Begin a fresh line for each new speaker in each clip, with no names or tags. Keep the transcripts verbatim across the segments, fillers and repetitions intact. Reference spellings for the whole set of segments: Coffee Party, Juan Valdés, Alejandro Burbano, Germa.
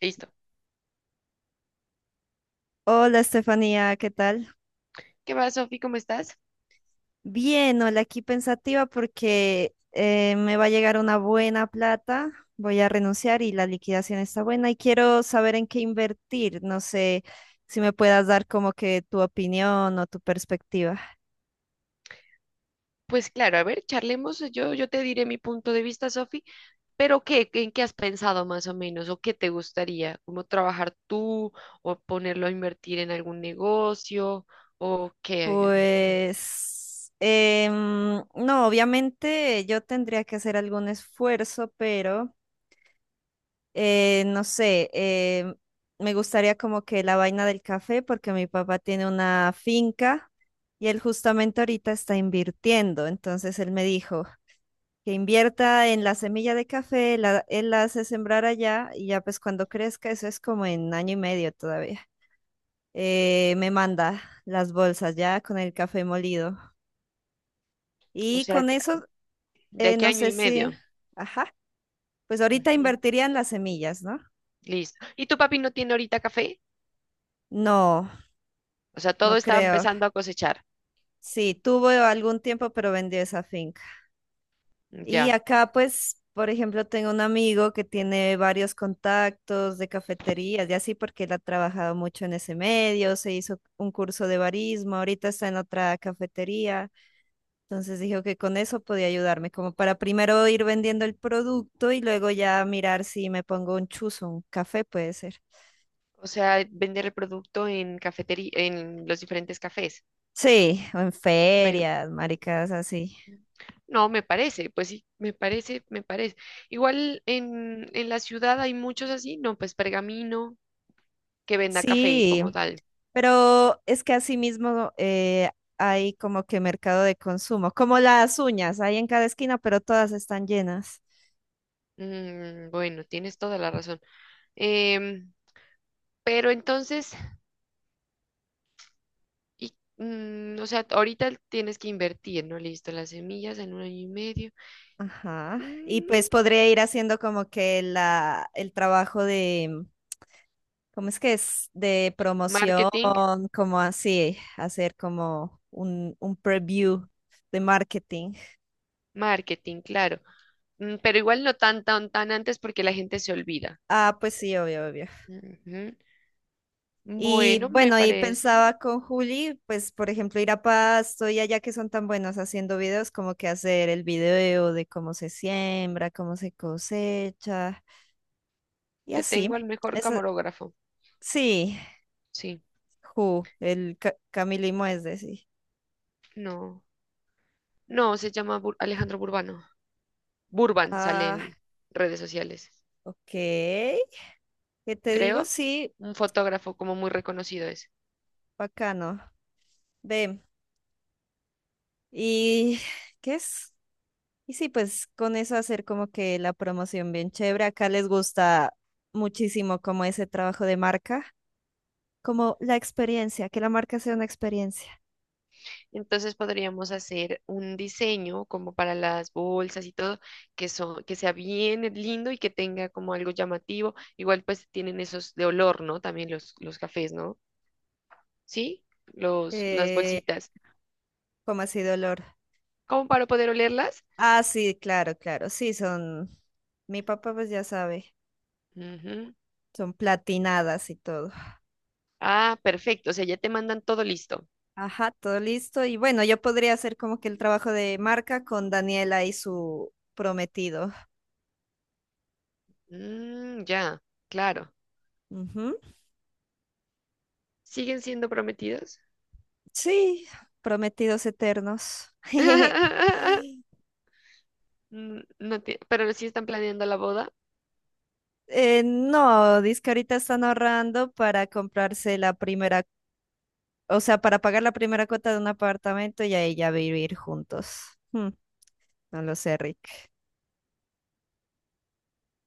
Listo.
Hola Estefanía, ¿qué tal?
¿Qué va, Sofi? ¿Cómo estás?
Bien, hola, aquí pensativa porque eh, me va a llegar una buena plata, voy a renunciar y la liquidación está buena y quiero saber en qué invertir, no sé si me puedas dar como que tu opinión o tu perspectiva.
Pues claro, a ver, charlemos. Yo, yo te diré mi punto de vista, Sofi, pero ¿qué, en qué has pensado más o menos? ¿O qué te gustaría? ¿Cómo trabajar tú? ¿O ponerlo a invertir en algún negocio? ¿O qué? No, no.
Pues, em, no, obviamente yo tendría que hacer algún esfuerzo, pero... Eh, no sé, eh, me gustaría como que la vaina del café, porque mi papá tiene una finca y él justamente ahorita está invirtiendo. Entonces él me dijo que invierta en la semilla de café, la- él la hace sembrar allá y ya pues cuando crezca, eso es como en año y medio todavía. Eh, me manda las bolsas ya con el café molido.
O
Y
sea,
con eso,
¿de
eh,
qué
no
año
sé
y
si,
medio?
ajá, pues ahorita
Ujú.
invertiría en las semillas, ¿no?
Listo. ¿Y tu papi no tiene ahorita café?
No,
O sea, todo
no
está
creo.
empezando a cosechar.
Sí, tuvo algún tiempo, pero vendió esa finca. Y
Ya.
acá, pues, por ejemplo, tengo un amigo que tiene varios contactos de cafeterías y así, porque él ha trabajado mucho en ese medio, se hizo un curso de barismo, ahorita está en otra cafetería. Entonces dijo que con eso podía ayudarme, como para primero ir vendiendo el producto y luego ya mirar si me pongo un chuzo, un café puede ser.
O sea, vender el producto en cafetería, en los diferentes cafés.
Sí, o en
Me,
ferias, maricas así.
No, me parece, pues sí, me parece, me parece. Igual en, en la ciudad hay muchos así, no, pues Pergamino, que venda café
Sí,
como tal.
pero es que asimismo eh, hay como que mercado de consumo, como las uñas, hay en cada esquina, pero todas están llenas.
Mm, bueno, tienes toda la razón. Em, pero entonces, y, mm, o sea, ahorita tienes que invertir, ¿no? Listo, las semillas en un año y medio.
Ajá. Y pues
Mm,
podría ir haciendo como que la, el trabajo de, ¿cómo es que es? De promoción,
marketing,
como así, hacer como un, un preview de marketing.
marketing, claro. Mm, pero igual no tan, tan, tan antes porque la gente se olvida.
Ah, pues sí, obvio, obvio.
Ujú.
Y
Bueno, me
bueno, y
parece.
pensaba con Juli, pues por ejemplo, ir a Pasto y allá que son tan buenos haciendo videos, como que hacer el video de cómo se siembra, cómo se cosecha y
Te tengo al
así.
mejor
Eso,
camarógrafo.
sí,
Sí,
Ju, el Ca Camilo y Moesde, sí.
no. No, se llama Bur- Alejandro Burbano. Burban sale
Ah,
en redes sociales.
ok. ¿Qué te digo?
Creo,
Sí,
un fotógrafo como muy reconocido es.
bacano. Ve, ¿y qué es? Y sí, pues con eso hacer como que la promoción bien chévere. Acá les gusta muchísimo como ese trabajo de marca, como la experiencia, que la marca sea una experiencia.
Entonces podríamos hacer un diseño como para las bolsas y todo, que son, que sea bien lindo y que tenga como algo llamativo. Igual pues tienen esos de olor, ¿no? También los, los cafés, ¿no? Sí, los, las
Eh,
bolsitas.
Como así dolor.
¿Cómo para poder olerlas?
Ah, sí, claro, claro. Sí, son. Mi papá, pues ya sabe.
Ujú.
Son platinadas y todo.
Ah, perfecto. O sea, ya te mandan todo listo.
Ajá, todo listo. Y bueno, yo podría hacer como que el trabajo de marca con Daniela y su prometido.
Mm, ya, claro.
Ujú.
¿Siguen siendo prometidos?
Sí, prometidos eternos.
N- No, tie- pero sí están planeando la boda.
Eh, no, dice que ahorita están ahorrando para comprarse la primera. O sea, para pagar la primera cuota de un apartamento y ahí ya vivir juntos. Hmm, no lo sé, Rick.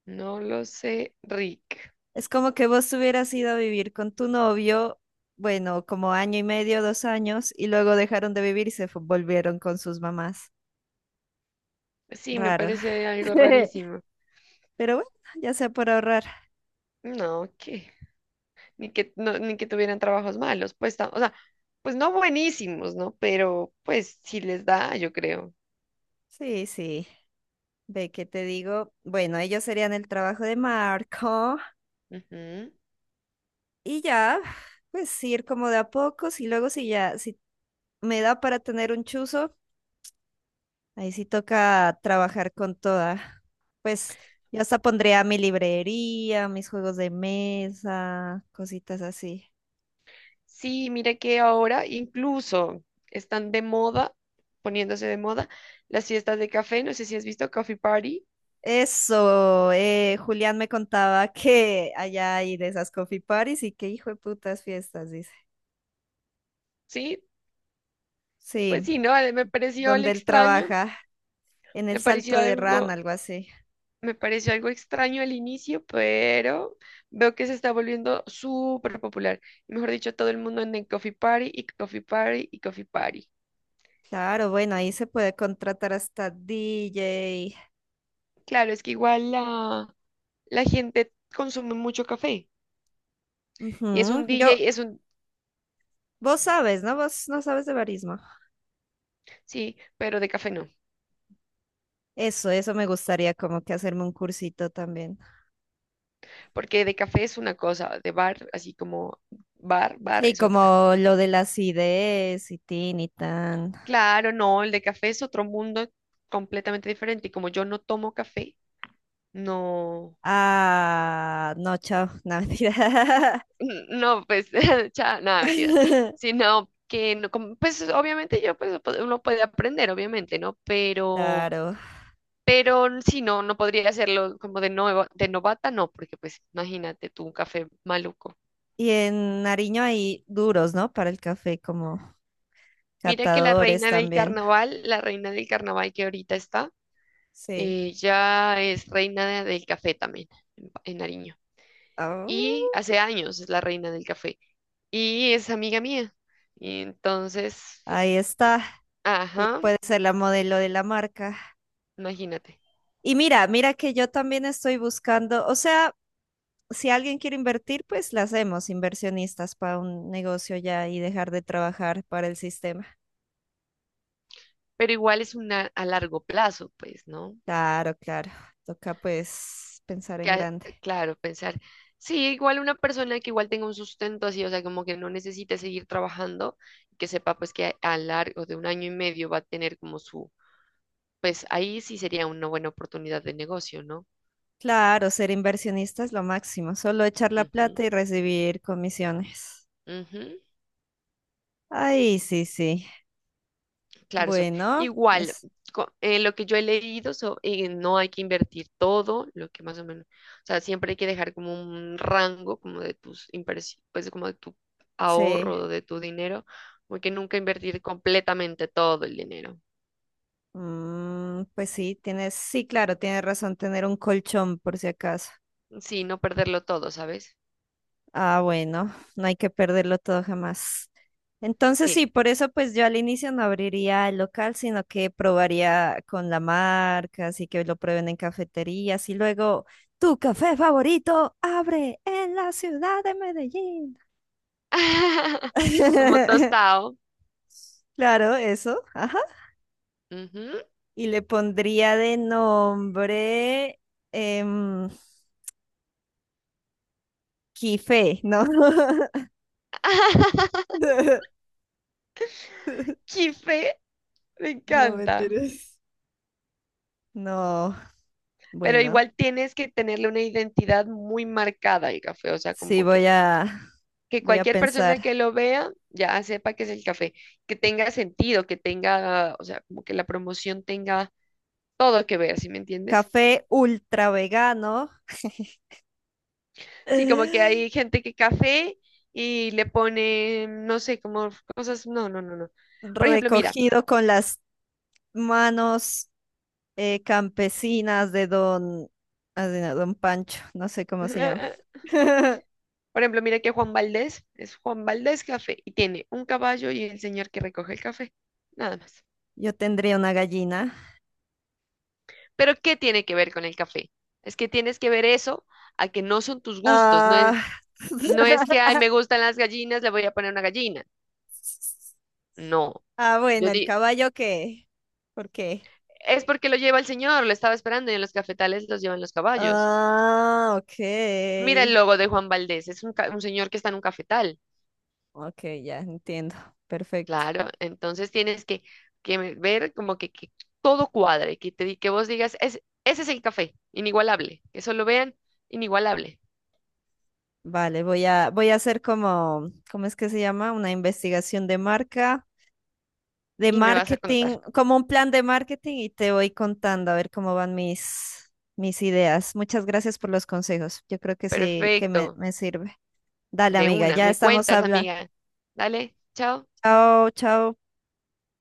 No lo sé, Rick.
Es como que vos hubieras ido a vivir con tu novio, bueno, como año y medio, dos años, y luego dejaron de vivir y se fu- volvieron con sus mamás.
Sí, me
Raro.
parece algo rarísimo.
Pero bueno, ya sea por ahorrar.
No, que ni que no, ni que tuvieran trabajos malos, pues, ta- o sea, pues no buenísimos, ¿no? Pero pues sí les da, yo creo.
Sí, sí. Ve que te digo, bueno, ellos serían el trabajo de Marco
Ujú.
y ya, pues ir como de a pocos y luego si ya, si me da para tener un chuzo. Ahí sí toca trabajar con toda. Pues yo hasta pondría mi librería, mis juegos de mesa, cositas así.
Sí, mira que ahora incluso están de moda, poniéndose de moda las fiestas de café, no sé si has visto Coffee Party,
Eso, eh, Julián me contaba que allá hay de esas coffee parties y que hijo de putas fiestas, dice.
¿sí? Pues
Sí,
sí, ¿no? Me pareció el
donde él
extraño.
trabaja, en el
Me
Salto
pareció
de Ran,
algo,
algo así.
Me pareció algo extraño al inicio, pero veo que se está volviendo súper popular. Y mejor dicho, todo el mundo anda en Coffee Party y Coffee Party y Coffee Party.
Claro, bueno, ahí se puede contratar hasta D J.
Claro, es que igual la, la gente consume mucho café. Y es
Ujú,
un
yo,
D J, es un,
vos sabes, ¿no? Vos no sabes de barismo.
sí, pero de café no.
Eso, eso me gustaría como que hacerme un cursito también.
Porque de café es una cosa, de bar, así como bar, bar
Sí,
es otra.
como lo de las ideas y tin y tan.
Claro, no, el de café es otro mundo completamente diferente. Y como yo no tomo café, no.
Ah, no, chao, no, mentira.
No, pues, cha- nada, mentiras. Sino que, no, como, pues, obviamente yo, pues, pod- uno puede aprender, obviamente, ¿no? Pero,
Claro.
pero si no, no podría hacerlo como de nuevo, de novata, no, porque, pues, imagínate tú un café maluco.
Y en Nariño hay duros, ¿no? Para el café, como
Mira que la
catadores
reina del
también.
carnaval, la reina del carnaval que ahorita está,
Sí.
ella es reina de- del café también, en, Pa- en Nariño.
Ah,
Y hace años es la reina del café. Y es amiga mía. Y entonces, pues,
ahí está. Ella
ajá,
puede ser la modelo de la marca.
imagínate.
Y mira, mira que yo también estoy buscando, o sea... si alguien quiere invertir, pues la hacemos inversionistas para un negocio ya y dejar de trabajar para el sistema.
Pero igual es una a largo plazo, pues, ¿no?
Claro, claro. Toca pues pensar
Que,
en
a-
grande.
claro, pensar, sí, igual una persona que igual tenga un sustento así, o sea, como que no necesite seguir trabajando, que sepa pues que a, a largo de un año y medio va a tener como su, pues ahí sí sería una buena oportunidad de negocio, ¿no?
Claro, ser inversionista es lo máximo, solo echar la
Ujú,
plata y recibir comisiones.
ujú.
Ay, sí, sí.
Claro, Sof.
Bueno,
Igual,
es,
co- eh, lo que yo he leído, so- eh, no hay que invertir todo, lo que más o menos, o sea, siempre hay que dejar como un rango, como de tus inversiones, pues como de tu
sí.
ahorro, de tu dinero, porque nunca invertir completamente todo el dinero.
Mm, pues sí, tienes, sí, claro, tienes razón, tener un colchón por si acaso.
Sí, no perderlo todo, ¿sabes?
Ah, bueno, no hay que perderlo todo jamás. Entonces
Sí.
sí, por eso pues yo al inicio no abriría el local, sino que probaría con la marca, así que lo prueben en cafeterías y luego tu café favorito abre en la ciudad de Medellín.
Como tostado.
Claro, eso, ajá.
Ujú.
Y le pondría de nombre em, Quife, ¿no?
¡Qué fe! Me
No
encanta.
mentiras. No,
Pero
bueno,
igual tienes que tenerle una identidad muy marcada al café, o sea,
sí
como
voy a
que
voy a
cualquier persona
pensar.
que lo vea ya sepa que es el café, que tenga sentido, que tenga, o sea, como que la promoción tenga todo que ver, ¿sí me entiendes?
Café ultra vegano,
Sí, como que hay gente que café y le pone, no sé, como cosas, no, no, no, no. Por ejemplo, mira,
recogido con las manos eh, campesinas de don, ah, de no, don Pancho, no sé cómo se llama.
por ejemplo, mira que Juan Valdés es Juan Valdés Café y tiene un caballo y el señor que recoge el café, nada más.
Yo tendría una gallina.
Pero ¿qué tiene que ver con el café? Es que tienes que ver eso a que no son tus gustos, no es.
Ah,
No es que, ay, me gustan las gallinas, le voy a poner una gallina. No.
ah,
Yo
bueno, el
di,
caballo que, ¿por qué?
es porque lo lleva el señor, lo estaba esperando y en los cafetales los llevan los caballos.
Ah, ok.
Mira el logo de Juan Valdés, es un, ca- un señor que está en un cafetal.
Ok, ya entiendo. Perfecto.
Claro, entonces tienes que, que me- ver como que, que todo cuadre, que te di- que vos digas: "Es- ese es el café, inigualable, que solo vean, inigualable."
Vale, voy a, voy a hacer como, ¿cómo es que se llama? Una investigación de marca, de
Y me vas a contar.
marketing, como un plan de marketing y te voy contando a ver cómo van mis, mis ideas. Muchas gracias por los consejos. Yo creo que sí, que me,
Perfecto,
me sirve. Dale,
de
amiga,
una,
ya
me
estamos
cuentas,
hablando.
amiga. Dale, chao.
Chao, chao.